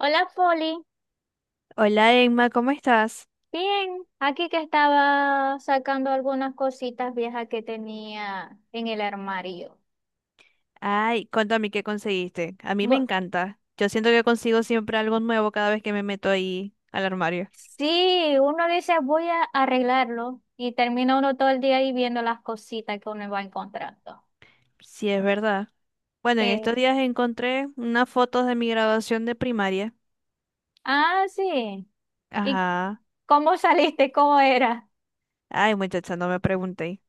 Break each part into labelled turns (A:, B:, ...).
A: Hola, Folly.
B: Hola Emma, ¿cómo estás?
A: Bien, aquí que estaba sacando algunas cositas viejas que tenía en el armario.
B: Ay, cuéntame qué conseguiste. A mí me
A: Bu-
B: encanta. Yo siento que consigo siempre algo nuevo cada vez que me meto ahí al armario.
A: sí, uno dice voy a arreglarlo y termina uno todo el día ahí viendo las cositas que uno va encontrando.
B: Sí, es verdad. Bueno, en
A: Eh,
B: estos días encontré unas fotos de mi graduación de primaria.
A: ah, sí. ¿Y
B: Ajá.
A: cómo saliste? ¿Cómo era?
B: Ay, muchacha, no me pregunté.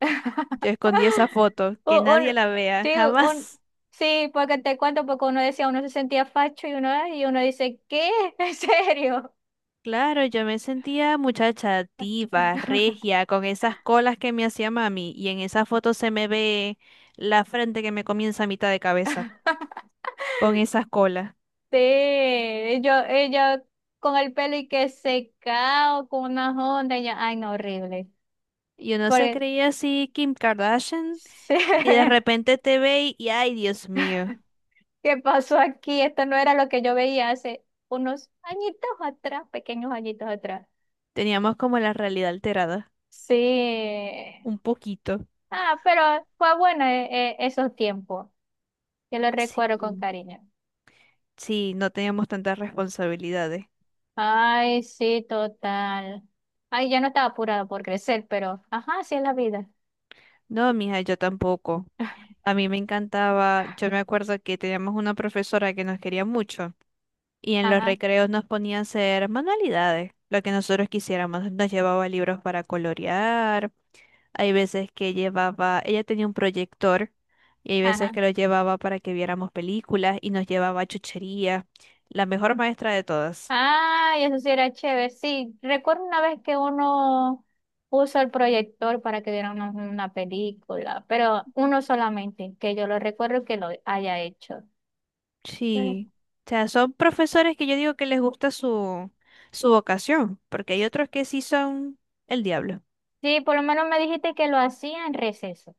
B: Yo escondí esa foto, que
A: Un-
B: nadie
A: un-
B: la vea,
A: sí, un-
B: jamás.
A: sí, porque te cuento, porque uno decía, uno se sentía facho y uno dice, ¿qué? ¿En serio?
B: Claro, yo me sentía muchacha diva, regia, con esas colas que me hacía mami, y en esa foto se me ve la frente que me comienza a mitad de cabeza, con esas colas.
A: Sí, yo, ella con el pelo y que secado, con unas ondas, y yo, ay, no, horrible.
B: Y uno se
A: Porque,
B: creía así Kim Kardashian
A: sí,
B: y de repente te ve y, ay, Dios mío,
A: ¿qué pasó aquí? Esto no era lo que yo veía hace unos añitos atrás, pequeños añitos atrás.
B: teníamos como la realidad alterada,
A: Sí.
B: un poquito.
A: Ah, pero fue bueno esos tiempos. Yo los
B: Sí,
A: recuerdo con cariño.
B: sí, no teníamos tantas responsabilidades.
A: Ay, sí, total. Ay, ya no estaba apurada por crecer, pero, ajá, así es la vida.
B: No, mija, yo tampoco. A mí me encantaba, yo me acuerdo que teníamos una profesora que nos quería mucho y en los
A: Ajá,
B: recreos nos ponía a hacer manualidades, lo que nosotros quisiéramos. Nos llevaba libros para colorear. Hay veces que llevaba, ella tenía un proyector y hay veces
A: ajá.
B: que lo llevaba para que viéramos películas y nos llevaba a chuchería. La mejor maestra de todas.
A: Ay, eso sí era chévere. Sí, recuerdo una vez que uno puso el proyector para que vieran una película, pero uno solamente, que yo lo recuerdo que lo haya hecho. Pero
B: Sí. O sea, son profesores que yo digo que les gusta su vocación, porque hay otros que sí son el diablo.
A: sí, por lo menos me dijiste que lo hacía en receso.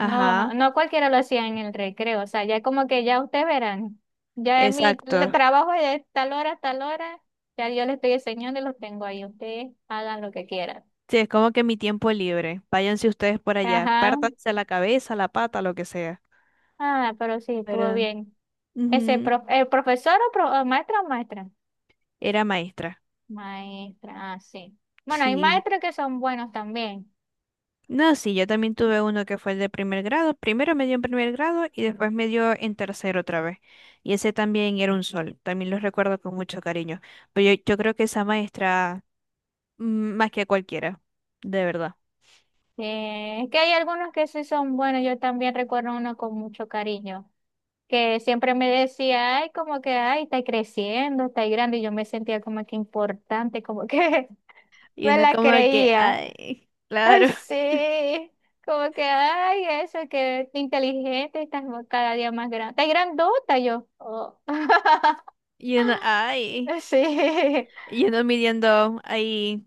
A: No, no cualquiera lo hacía en el recreo. O sea, ya como que ya ustedes verán. Ya es mi
B: exacto.
A: trabajo es de tal hora a tal hora. Ya yo les estoy enseñando y los tengo ahí. Ustedes hagan lo que quieran.
B: Sí, es como que mi tiempo libre. Váyanse ustedes por allá.
A: Ajá.
B: Pártanse la cabeza, la pata, lo que sea.
A: Ah, pero sí, estuvo
B: Pero
A: bien. Ese
B: ujú,
A: el profesor o o maestra o maestra.
B: era maestra.
A: Maestra, ah, sí. Bueno, hay
B: Sí.
A: maestros que son buenos también.
B: No, sí, yo también tuve uno que fue el de primer grado. Primero me dio en primer grado y después me dio en tercero otra vez. Y ese también era un sol. También lo recuerdo con mucho cariño. Pero yo creo que esa maestra, mm, más que cualquiera, de verdad.
A: Es que hay algunos que sí son buenos. Yo también recuerdo uno con mucho cariño, que siempre me decía, ay, como que, ay, está creciendo, está grande. Y yo me sentía como que importante, como que
B: Y
A: me
B: uno
A: la
B: como que,
A: creía.
B: ay,
A: Ay,
B: claro.
A: sí. Como que, ay, eso, que inteligente, estás cada día más grande. Estás grandota yo. Oh.
B: Y uno, ay.
A: Sí.
B: Y uno midiendo ahí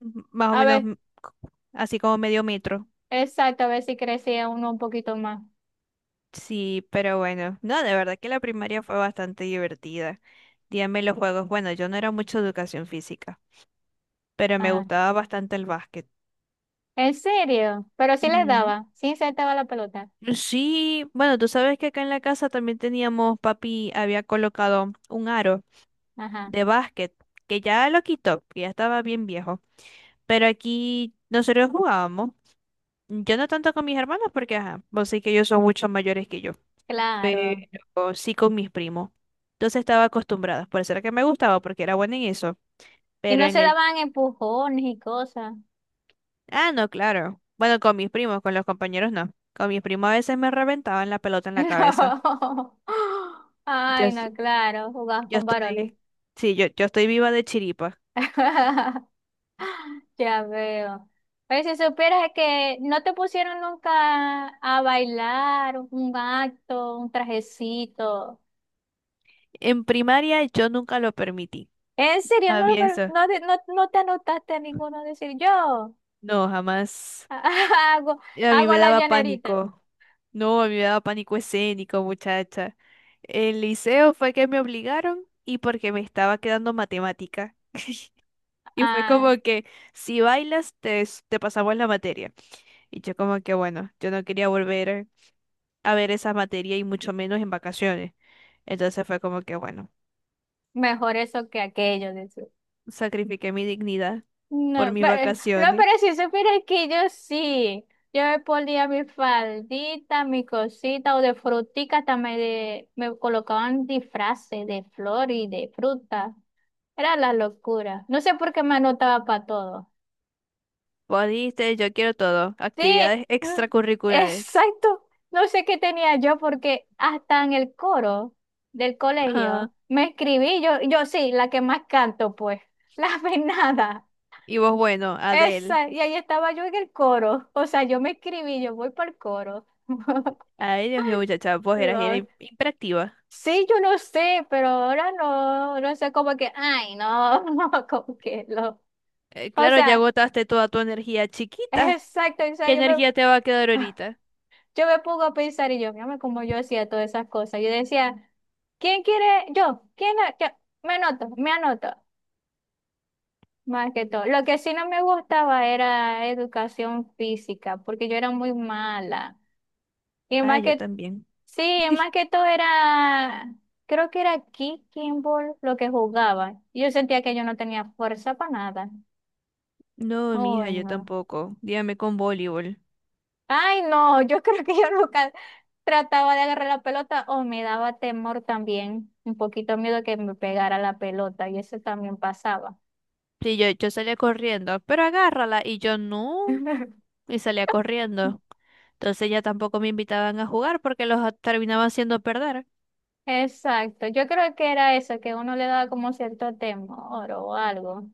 B: más o
A: A
B: menos
A: ver,
B: así como medio metro.
A: exacto, a ver si crecía uno un poquito más.
B: Sí, pero bueno. No, de verdad que la primaria fue bastante divertida. Dígame los juegos. Bueno, yo no era mucho de educación física, pero me
A: Ajá.
B: gustaba bastante el básquet.
A: ¿En serio? Pero sí les
B: Ujú.
A: daba, sí insertaba la pelota.
B: Sí, bueno, tú sabes que acá en la casa también teníamos, papi había colocado un aro
A: Ajá,
B: de básquet, que ya lo quitó, que ya estaba bien viejo, pero aquí nosotros jugábamos, yo no tanto con mis hermanos porque, ajá, vos sé que ellos son mucho mayores que yo,
A: claro.
B: pero sí con mis primos. Entonces estaba acostumbrada, por eso era que me gustaba, porque era buena en eso,
A: Y
B: pero
A: no
B: en
A: se
B: el...
A: daban empujones y cosas.
B: Ah, no, claro. Bueno, con mis primos, con los compañeros no. Con mis primos a veces me reventaban la pelota en la cabeza.
A: No.
B: Yo,
A: Ay,
B: s-
A: no, claro, jugabas
B: yo
A: con varones.
B: estoy, sí, yo estoy viva de chiripa.
A: Ya veo. Pero si supieras que no te pusieron nunca a bailar, un acto, un trajecito.
B: En primaria yo nunca lo permití.
A: ¿En serio?
B: A
A: No,
B: mí
A: pero
B: eso,
A: no, no, no te anotaste a ninguno a decir yo.
B: no, jamás.
A: Hago,
B: A mí
A: hago
B: me
A: la
B: daba
A: llanerita.
B: pánico. No, a mí me daba pánico escénico, muchacha. El liceo fue que me obligaron y porque me estaba quedando matemática. Y fue
A: Ah,
B: como que si bailas te pasamos la materia. Y yo como que bueno, yo no quería volver a ver esa materia y mucho menos en vacaciones. Entonces fue como que bueno.
A: mejor eso que aquello. Dice.
B: Sacrifiqué mi dignidad por
A: No,
B: mis
A: pero, no,
B: vacaciones.
A: pero si supieras que yo sí. Yo me ponía mi faldita, mi cosita o de frutica, hasta me, me colocaban disfraces de flor y de fruta. Era la locura. No sé por qué me anotaba para todo.
B: Vos dijiste, yo quiero todo.
A: Sí,
B: Actividades
A: mm,
B: extracurriculares.
A: exacto. No sé qué tenía yo porque hasta en el coro del
B: Ajá.
A: colegio me escribí, yo sí, la que más canto, pues, la venada.
B: Y vos, bueno, Adel.
A: Esa, y ahí estaba yo en el coro. O sea, yo me escribí, yo voy para el coro.
B: Ay, Dios mío, muchacha,
A: No,
B: hiperactiva.
A: Sí, yo no sé, pero ahora no, no sé, como que, ay, no, como que lo. O
B: Claro, ya
A: sea,
B: agotaste toda tu energía chiquita.
A: exacto, o sea,
B: ¿Qué
A: yo me.
B: energía te va a quedar ahorita?
A: Yo me pongo a pensar y yo, mírame como yo hacía todas esas cosas. Yo decía, ¿quién quiere? Yo, ¿quién? ¿Yo? Me anoto, más que todo. Lo que sí no me gustaba era educación física, porque yo era muy mala. Y
B: Ah,
A: más
B: yo
A: que,
B: también.
A: sí, y más que todo era, creo que era kicking ball lo que jugaba. Yo sentía que yo no tenía fuerza para nada.
B: No, mija,
A: Ay,
B: yo
A: no.
B: tampoco. Dígame con voleibol.
A: Ay, no, yo creo que yo nunca trataba de agarrar la pelota o me daba temor también, un poquito miedo que me pegara la pelota y eso también pasaba.
B: Sí, yo salía corriendo, pero agárrala. Y yo no. Y salía corriendo. Entonces ya tampoco me invitaban a jugar porque terminaban haciendo perder.
A: Exacto, yo creo que era eso, que uno le daba como cierto temor o algo.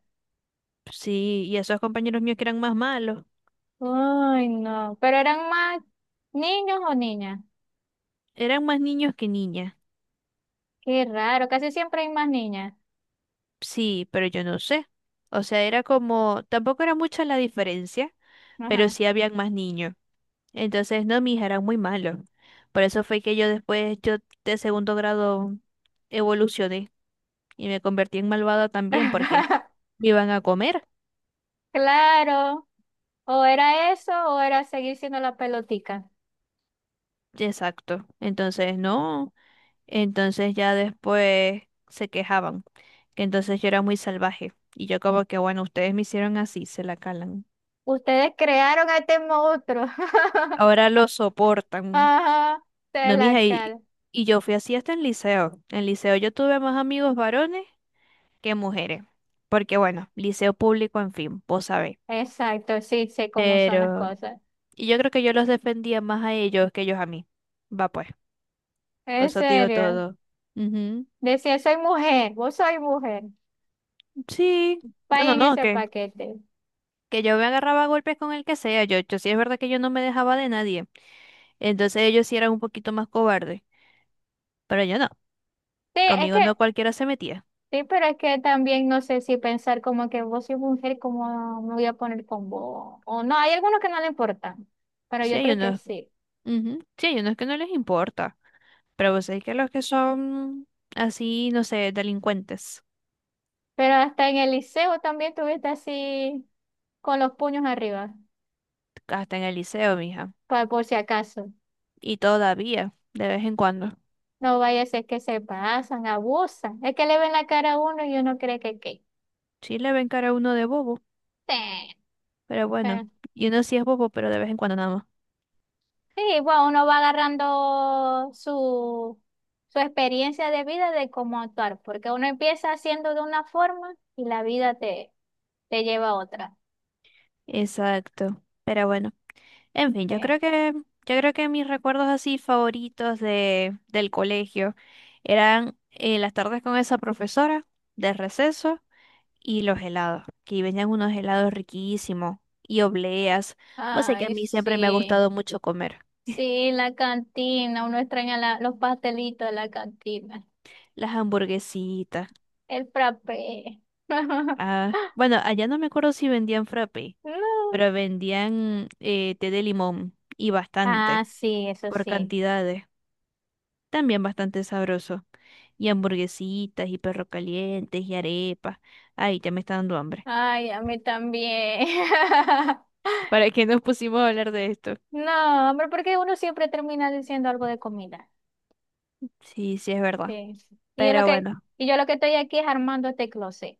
B: Sí, y esos compañeros míos que eran más malos,
A: Ay, no, pero eran más niños o niñas.
B: eran más niños que niñas.
A: Qué raro, casi siempre hay más niñas.
B: Sí, pero yo no sé. O sea, era como, tampoco era mucha la diferencia, pero
A: Ajá.
B: sí habían más niños. Entonces, no, mis eran muy malos. Por eso fue que yo después, yo de segundo grado evolucioné y me convertí en malvada también porque me iban a comer.
A: Claro, o era eso o era seguir siendo la pelotica.
B: Exacto. Entonces, no. Entonces ya después se quejaban, que entonces yo era muy salvaje. Y yo como que, bueno, ustedes me hicieron así, se la calan.
A: Ustedes crearon a este monstruo.
B: Ahora lo soportan.
A: Ajá, de
B: No,
A: la
B: mija,
A: cal.
B: y yo fui así hasta en liceo. En liceo yo tuve más amigos varones que mujeres. Porque bueno, liceo público, en fin, vos sabés.
A: Exacto, sí, sé cómo son las
B: Pero,
A: cosas.
B: y yo creo que yo los defendía más a ellos que ellos a mí. Va pues, con
A: En
B: eso te digo
A: serio.
B: todo. Ujú.
A: Decía, soy mujer, vos soy mujer.
B: Sí, bueno,
A: Vayan
B: no,
A: ese paquete.
B: que yo me agarraba a golpes con el que sea. Yo sí es verdad que yo no me dejaba de nadie. Entonces ellos sí eran un poquito más cobardes. Pero yo no,
A: Sí, es
B: conmigo
A: que,
B: no cualquiera se metía.
A: sí, pero es que también no sé si pensar como que vos sois mujer, como me voy a poner con vos. O no, hay algunos que no le importan, pero
B: Sí
A: yo
B: hay
A: creo que
B: unos,
A: sí.
B: ujú, sí hay unos que no les importa, pero vos sabés que los que son así, no sé, delincuentes,
A: Pero hasta en el liceo también tuviste así con los puños arriba,
B: hasta en el liceo, mija,
A: por si acaso.
B: y todavía, de vez en cuando,
A: No vaya a ser que se pasan, abusan. Es que le ven la cara a uno y uno cree que qué.
B: sí le ven cara a uno de bobo,
A: Sí,
B: pero
A: eh,
B: bueno, y uno sí es bobo, pero de vez en cuando nada más.
A: sí, bueno, uno va agarrando su, su experiencia de vida de cómo actuar, porque uno empieza haciendo de una forma y la vida te, te lleva a otra.
B: Exacto, pero bueno, en fin,
A: Eh,
B: yo creo que mis recuerdos así favoritos del colegio eran las tardes con esa profesora de receso. Y los helados, que venían unos helados riquísimos y obleas. Vos sé que a
A: Ay,
B: mí siempre me ha
A: sí,
B: gustado mucho comer.
A: sí, la cantina, uno extraña los pastelitos de la cantina,
B: Las hamburguesitas.
A: el frappé. No.
B: Ah, bueno, allá no me acuerdo si vendían frappe, pero vendían té de limón y
A: Ah,
B: bastante,
A: sí, eso
B: por
A: sí.
B: cantidades. También bastante sabroso. Y hamburguesitas y perro calientes y arepas. Ay, ya me está dando hambre.
A: Ay, a mí también.
B: ¿Para qué nos pusimos a hablar de esto?
A: No, hombre, porque uno siempre termina diciendo algo de comida.
B: Sí, sí, es verdad.
A: Sí. Sí. Y yo lo
B: Pero
A: que,
B: bueno.
A: y yo lo que estoy aquí es armando este closet.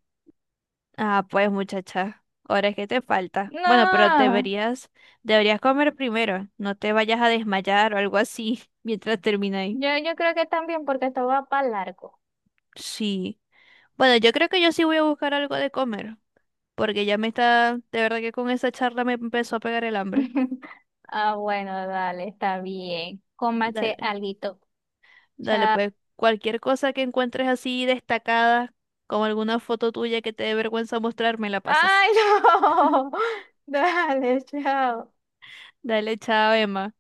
B: Ah, pues muchacha, ahora es que te falta. Bueno, pero
A: No,
B: deberías comer primero. No te vayas a desmayar o algo así mientras termináis.
A: yo creo que también porque esto va para largo.
B: Sí. Bueno, yo creo que yo sí voy a buscar algo de comer, porque ya me está, de verdad que con esa charla me empezó a pegar el hambre.
A: Ah, bueno, dale, está bien. Cómase
B: Dale,
A: alguito.
B: dale,
A: Chao.
B: pues cualquier cosa que encuentres así destacada, como alguna foto tuya que te dé vergüenza mostrar, me la pasas.
A: Ay, no. Dale, chao.
B: Dale, chao, Emma.